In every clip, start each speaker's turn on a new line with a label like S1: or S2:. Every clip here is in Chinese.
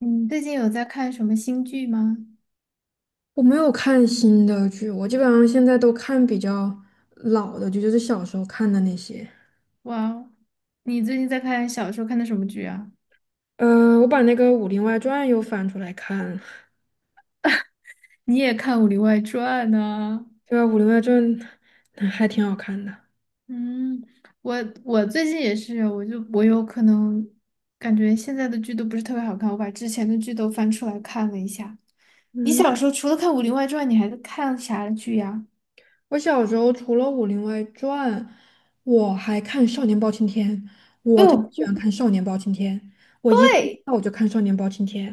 S1: 你最近有在看什么新剧吗？
S2: 我没有看新的剧，我基本上现在都看比较老的剧，就是小时候看的那些。
S1: 哇哦，你最近在看小说，看的什么剧啊？
S2: 我把那个《武林外传》又翻出来看了，
S1: 你也看《武林外传》呢？
S2: 对吧？《武林外传》嗯还挺好看的。
S1: 嗯，我我最近也是，我就我有可能感觉现在的剧都不是特别好看，我把之前的剧都翻出来看了一下。你小
S2: 嗯，
S1: 时候除了看《武林外传》，你还看啥剧呀？
S2: 我小时候除了《武林外传》，我还看《少年包青天》，
S1: 哎
S2: 我特别
S1: 呦，
S2: 喜欢看《少年包青天》，我一放假我就看《少年包青天》。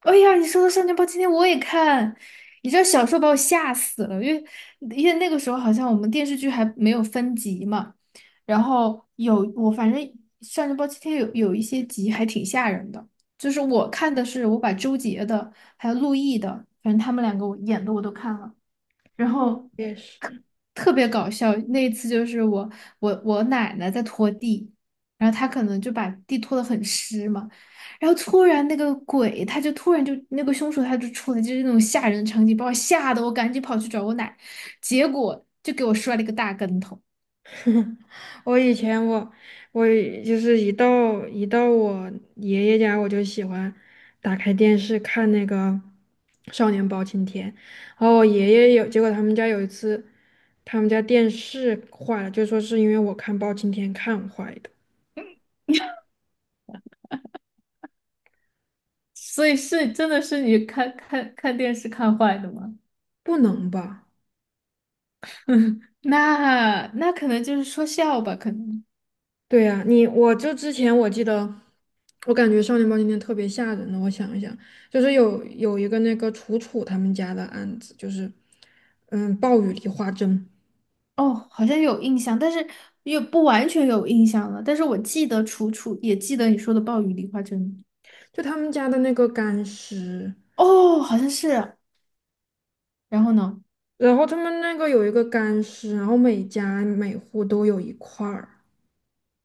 S1: 哎呀，你说的《少年包青天》我也看，你知道小时候把我吓死了，因为那个时候好像我们电视剧还没有分级嘛，然后有我反正《少年包青天》有一些集还挺吓人的，就是我看的是我把周杰的还有陆毅的，反正他们两个我演的我都看了。然
S2: 我
S1: 后
S2: 也是。
S1: 特别搞笑。那一次就是我奶奶在拖地，然后她可能就把地拖得很湿嘛，然后突然那个鬼他就突然就那个凶手他就出来，就是那种吓人的场景，把我吓得我赶紧跑去找我奶，结果就给我摔了一个大跟头。
S2: 我以前我就是一到我爷爷家，我就喜欢打开电视看那个《少年包青天》，然后我爷爷有，结果他们家有一次，他们家电视坏了，就说是因为我看包青天看坏的，
S1: 所以是真的是你看电视看坏的吗？
S2: 不能吧？
S1: 那可能就是说笑吧，可能。
S2: 对呀、我就之前我记得，我感觉《少年包青天》特别吓人的，我想一想，就是有一个那个楚楚他们家的案子，就是嗯暴雨梨花针。
S1: 哦，好像有印象，但是也不完全有印象了。但是我记得楚楚，也记得你说的暴雨梨花针。
S2: 就他们家的那个干尸，
S1: 哦，好像是。然后呢？
S2: 然后他们那个有一个干尸，然后每家每户都有一块儿，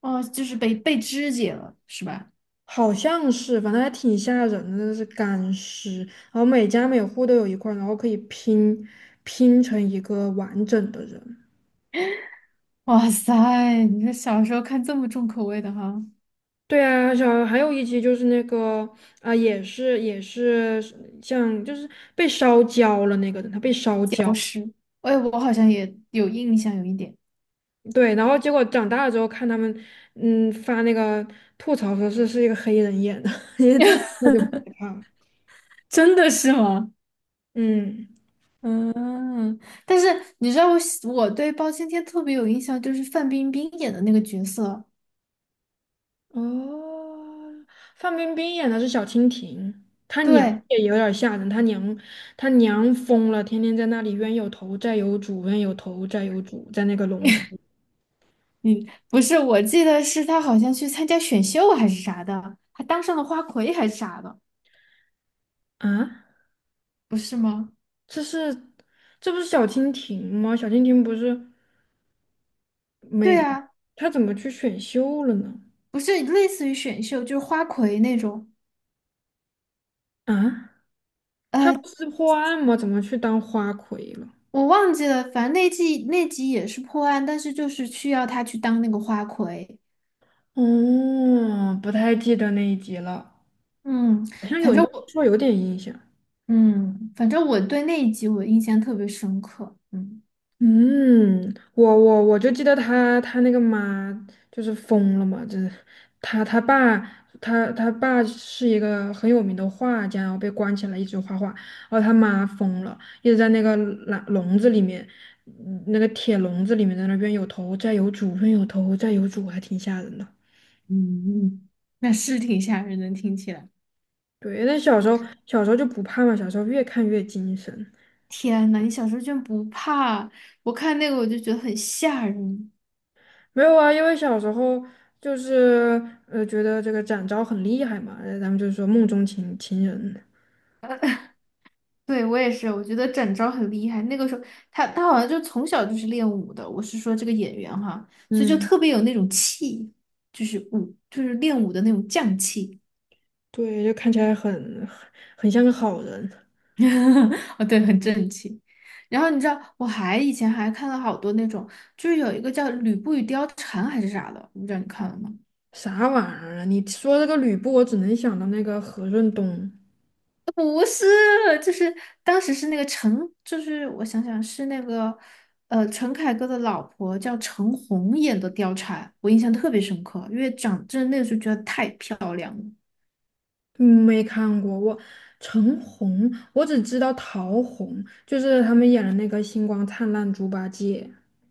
S1: 哦，就是被肢解了，是吧？
S2: 好像是，反正还挺吓人的，那是干尸，然后每家每户都有一块儿，然后可以拼成一个完整的人。
S1: 哇塞，你说小时候看这么重口味的哈，
S2: 对啊，小还有一集就是那个啊、也是像就是被烧焦了那个人，他被烧焦，
S1: 僵尸。哎，我好像也有印象，有一点。
S2: 对，然后结果长大了之后看他们，嗯，发那个吐槽说是一个黑人演的。那就不害怕了。
S1: 真的是吗？
S2: 嗯，
S1: 嗯，但是你知道我对包青天特别有印象，就是范冰冰演的那个角色。
S2: 哦，范冰冰演的是小蜻蜓，她娘
S1: 对，
S2: 也有点吓人，她娘疯了，天天在那里冤有头债有主，冤有头债有主，在那个笼子里
S1: 嗯，不是，我记得是他好像去参加选秀还是啥的，还当上了花魁还是啥的，
S2: 啊，
S1: 不是吗？
S2: 这是这不是小蜻蜓吗？小蜻蜓不是没，
S1: 对啊，
S2: 她怎么去选秀了呢？
S1: 不是类似于选秀，就是花魁那种。
S2: 啊，她
S1: 呃，
S2: 不是破案吗？怎么去当花魁了？
S1: 我忘记了，反正那季那集也是破案，但是就是需要他去当那个花魁。
S2: 哦，不太记得那一集了，
S1: 嗯
S2: 好像有，你这么
S1: 我
S2: 说有点印象。
S1: 嗯，反正我对那一集我印象特别深刻。嗯
S2: 嗯，我就记得他那个妈就是疯了嘛，就是他他爸他爸是一个很有名的画家，然后被关起来一直画画，然后他妈疯了，一直在那个笼子里面，嗯那个铁笼子里面在那边有头债有主，冤有头债有主，还挺吓人的。
S1: 嗯，那是挺吓人的，听起来。
S2: 对，那小时候,小时候就不怕嘛，小时候越看越精神。
S1: 天呐，你小时候居然不怕？我看那个我就觉得很吓人。
S2: 没有啊，因为小时候就是呃觉得这个展昭很厉害嘛，然后咱们就说梦中情人，
S1: 对，我也是，我觉得展昭很厉害。那个时候，他好像就从小就是练武的。我是说这个演员哈，所以就
S2: 嗯，
S1: 特别有那种气，就是武，就是练武的那种将气。
S2: 对，就看起来很很像个好人。
S1: 哦，对，很正气。然后你知道，我以前还看了好多那种，就是有一个叫《吕布与貂蝉》还是啥的，我不知道你看了吗？
S2: 啥玩意儿啊？你说这个吕布，我只能想到那个何润东，
S1: 不是，就是当时是那个陈，就是我想想是那个，呃，陈凯歌的老婆叫陈红演的貂蝉，我印象特别深刻，因为长真的那个时候觉得太漂亮了，
S2: 没看过我。陈红，我只知道陶虹，就是他们演的那个《星光灿烂猪八戒》。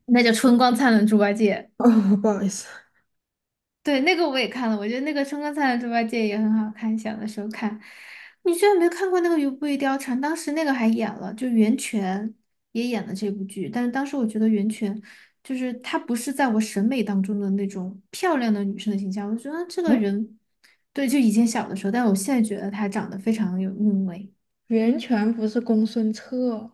S1: 那叫春光灿烂猪八戒。
S2: 哦，不好意思，
S1: 对，那个我也看了，我觉得那个《春光灿烂猪八戒》也很好看，小的时候看。你居然没看过那个《吕不韦貂蝉》？当时那个还演了，就袁泉也演了这部剧。但是当时我觉得袁泉就是她不是在我审美当中的那种漂亮的女生的形象，我觉得这个
S2: 嗯，
S1: 人，对，就以前小的时候，但我现在觉得她长得非常有韵味。
S2: 袁泉不是公孙策。哦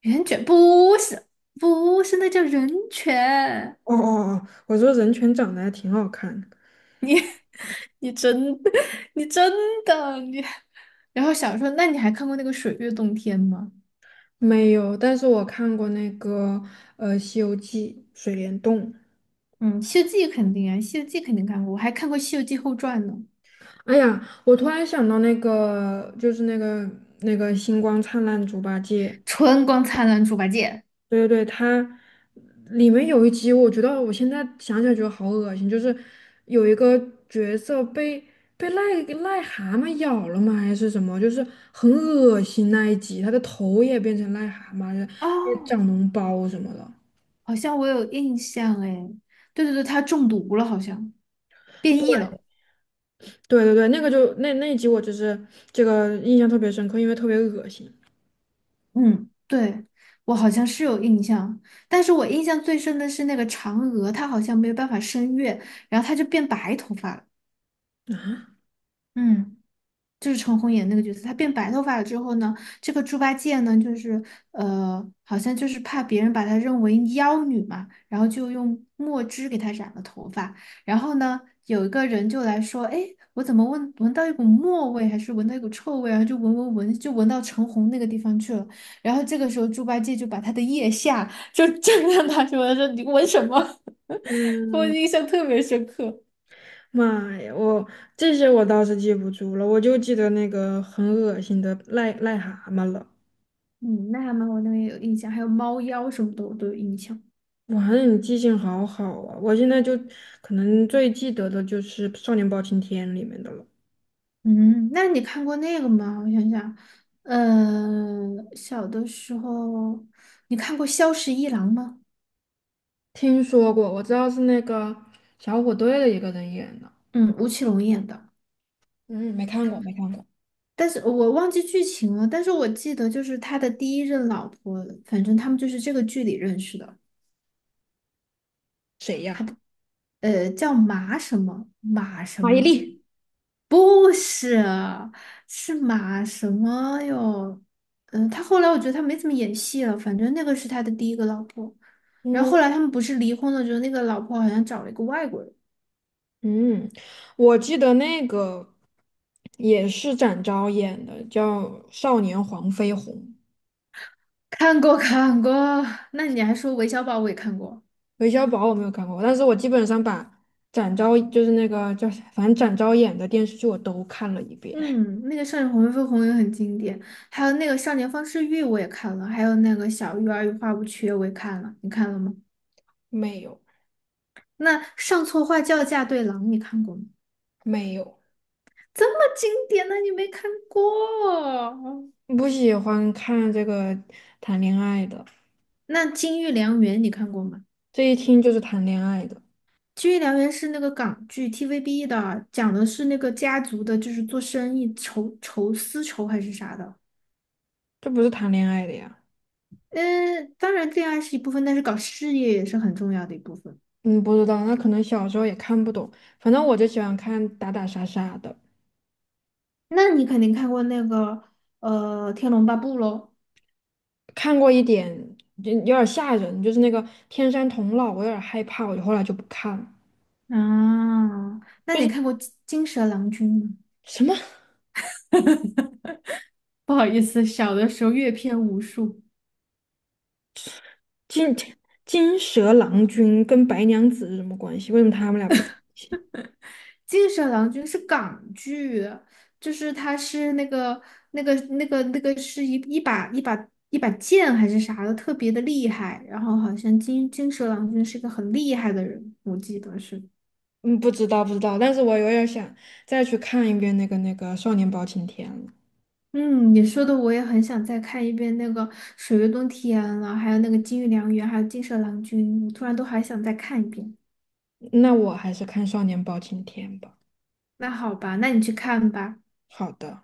S1: 袁泉不是，那叫人权。
S2: 哦哦哦,我说人权长得还挺好看的。
S1: 你真 你真的，你然后小说，那你还看过那个《水月洞天》吗？
S2: 没有，但是我看过那个《西游记》水帘洞。
S1: 嗯，《西游记》肯定啊，《西游记》肯定看过，我还看过《西游记后传》呢，
S2: 哎呀，我突然想到那个，就是那个那个星光灿烂猪八戒，
S1: 《春光灿烂猪八戒》
S2: 对对对，它里面有一集，我觉得我现在想起来觉得好恶心，就是有一个角色被癞蛤蟆咬了吗？还是什么？就是很恶心那一集，他的头也变成癞蛤蟆，也
S1: 哦，
S2: 长脓包什么的。
S1: 好像我有印象哎，对对对，他中毒了，好像变异
S2: 对。
S1: 了，
S2: 对对对，那个就那那一集我就是这个印象特别深刻，因为特别恶心。
S1: 嗯，对，我好像是有印象，但是我印象最深的是那个嫦娥，她好像没有办法升月，然后她就变白头发了，嗯。就是陈红演那个角色，她变白头发了之后呢，这个猪八戒呢，就是呃，好像就是怕别人把她认为妖女嘛，然后就用墨汁给她染了头发。然后呢，有一个人就来说，哎，我怎么闻到一股墨味，还是闻到一股臭味啊然后就闻，就闻到陈红那个地方去了。然后这个时候，猪八戒就把他的腋下就正让他说，说你闻什么？我
S2: 嗯，
S1: 印象特别深刻。
S2: 妈呀，我这些我倒是记不住了，我就记得那个很恶心的癞蛤蟆了。
S1: 嗯，那还蛮我那个有印象，还有猫妖什么的我都有印象。
S2: 哇，那你记性好好啊！我现在就可能最记得的就是《少年包青天》里面的了。
S1: 嗯，那你看过那个吗？我想想，呃，小的时候你看过《萧十一郎》吗？
S2: 听说过，我知道是那个小虎队的一个人演的。
S1: 嗯，吴奇隆演的，
S2: 嗯，没看过，没看过，
S1: 但是我忘记剧情了，但是我记得就是他的第一任老婆，反正他们就是这个剧里认识的，
S2: 谁呀？
S1: 呃，叫马什么马什
S2: 马伊
S1: 么，
S2: 琍。
S1: 不是，是马什么哟？嗯，他后来我觉得他没怎么演戏了，反正那个是他的第一个老婆。然后
S2: 嗯。
S1: 后来他们不是离婚了之后，那个老婆好像找了一个外国人。
S2: 嗯，我记得那个也是展昭演的，叫《少年黄飞鸿》。
S1: 看过看过，那你还说韦小宝我也看过，
S2: 韦小宝我没有看过，但是我基本上把展昭就是那个叫啥，反正展昭演的电视剧我都看了一遍。
S1: 嗯，那个《少年红飞红》也很经典，还有那个《少年方世玉》我也看了，还有那个《小鱼儿与花无缺》我也看了，你看了吗？
S2: 没有，
S1: 那《上错花轿嫁对郎》你看过吗？
S2: 没有，
S1: 这么经典的你没看过？
S2: 不喜欢看这个谈恋爱的，
S1: 那《金玉良缘》你看过吗？
S2: 这一听就是谈恋爱的，
S1: 《金玉良缘》是那个港剧 TVB 的，讲的是那个家族的，就是做生意丝绸还是啥的。
S2: 这不是谈恋爱的呀。
S1: 嗯，当然恋爱是一部分，但是搞事业也是很重要的一部分。
S2: 嗯，不知道，那可能小时候也看不懂，反正我就喜欢看打打杀杀的。
S1: 那你肯定看过那个呃《天龙八部》喽？
S2: 看过一点，就有点吓人，就是那个天山童姥，我有点害怕，我就后来就不看了。
S1: 啊，那
S2: 就
S1: 你
S2: 是
S1: 看过金《金蛇郎君》吗？
S2: 什么
S1: 不好意思，小的时候阅片无数。《
S2: 金金蛇郎君跟白娘子是什么关系？为什么他们俩不在一起？
S1: 金蛇郎君》是港剧，就是他是那个那个是一把剑还是啥的，特别的厉害。然后好像金蛇郎君是一个很厉害的人，我记得是。
S2: 嗯，不知道不知道，但是我有点想再去看一遍那个《少年包青天》了。
S1: 嗯，你说的我也很想再看一遍那个《水月洞天》了，还有那个《金玉良缘》，还有《金蛇郎君》，我突然都还想再看一遍。
S2: 那我还是看《少年包青天》吧。
S1: 那好吧，那你去看吧。
S2: 好的。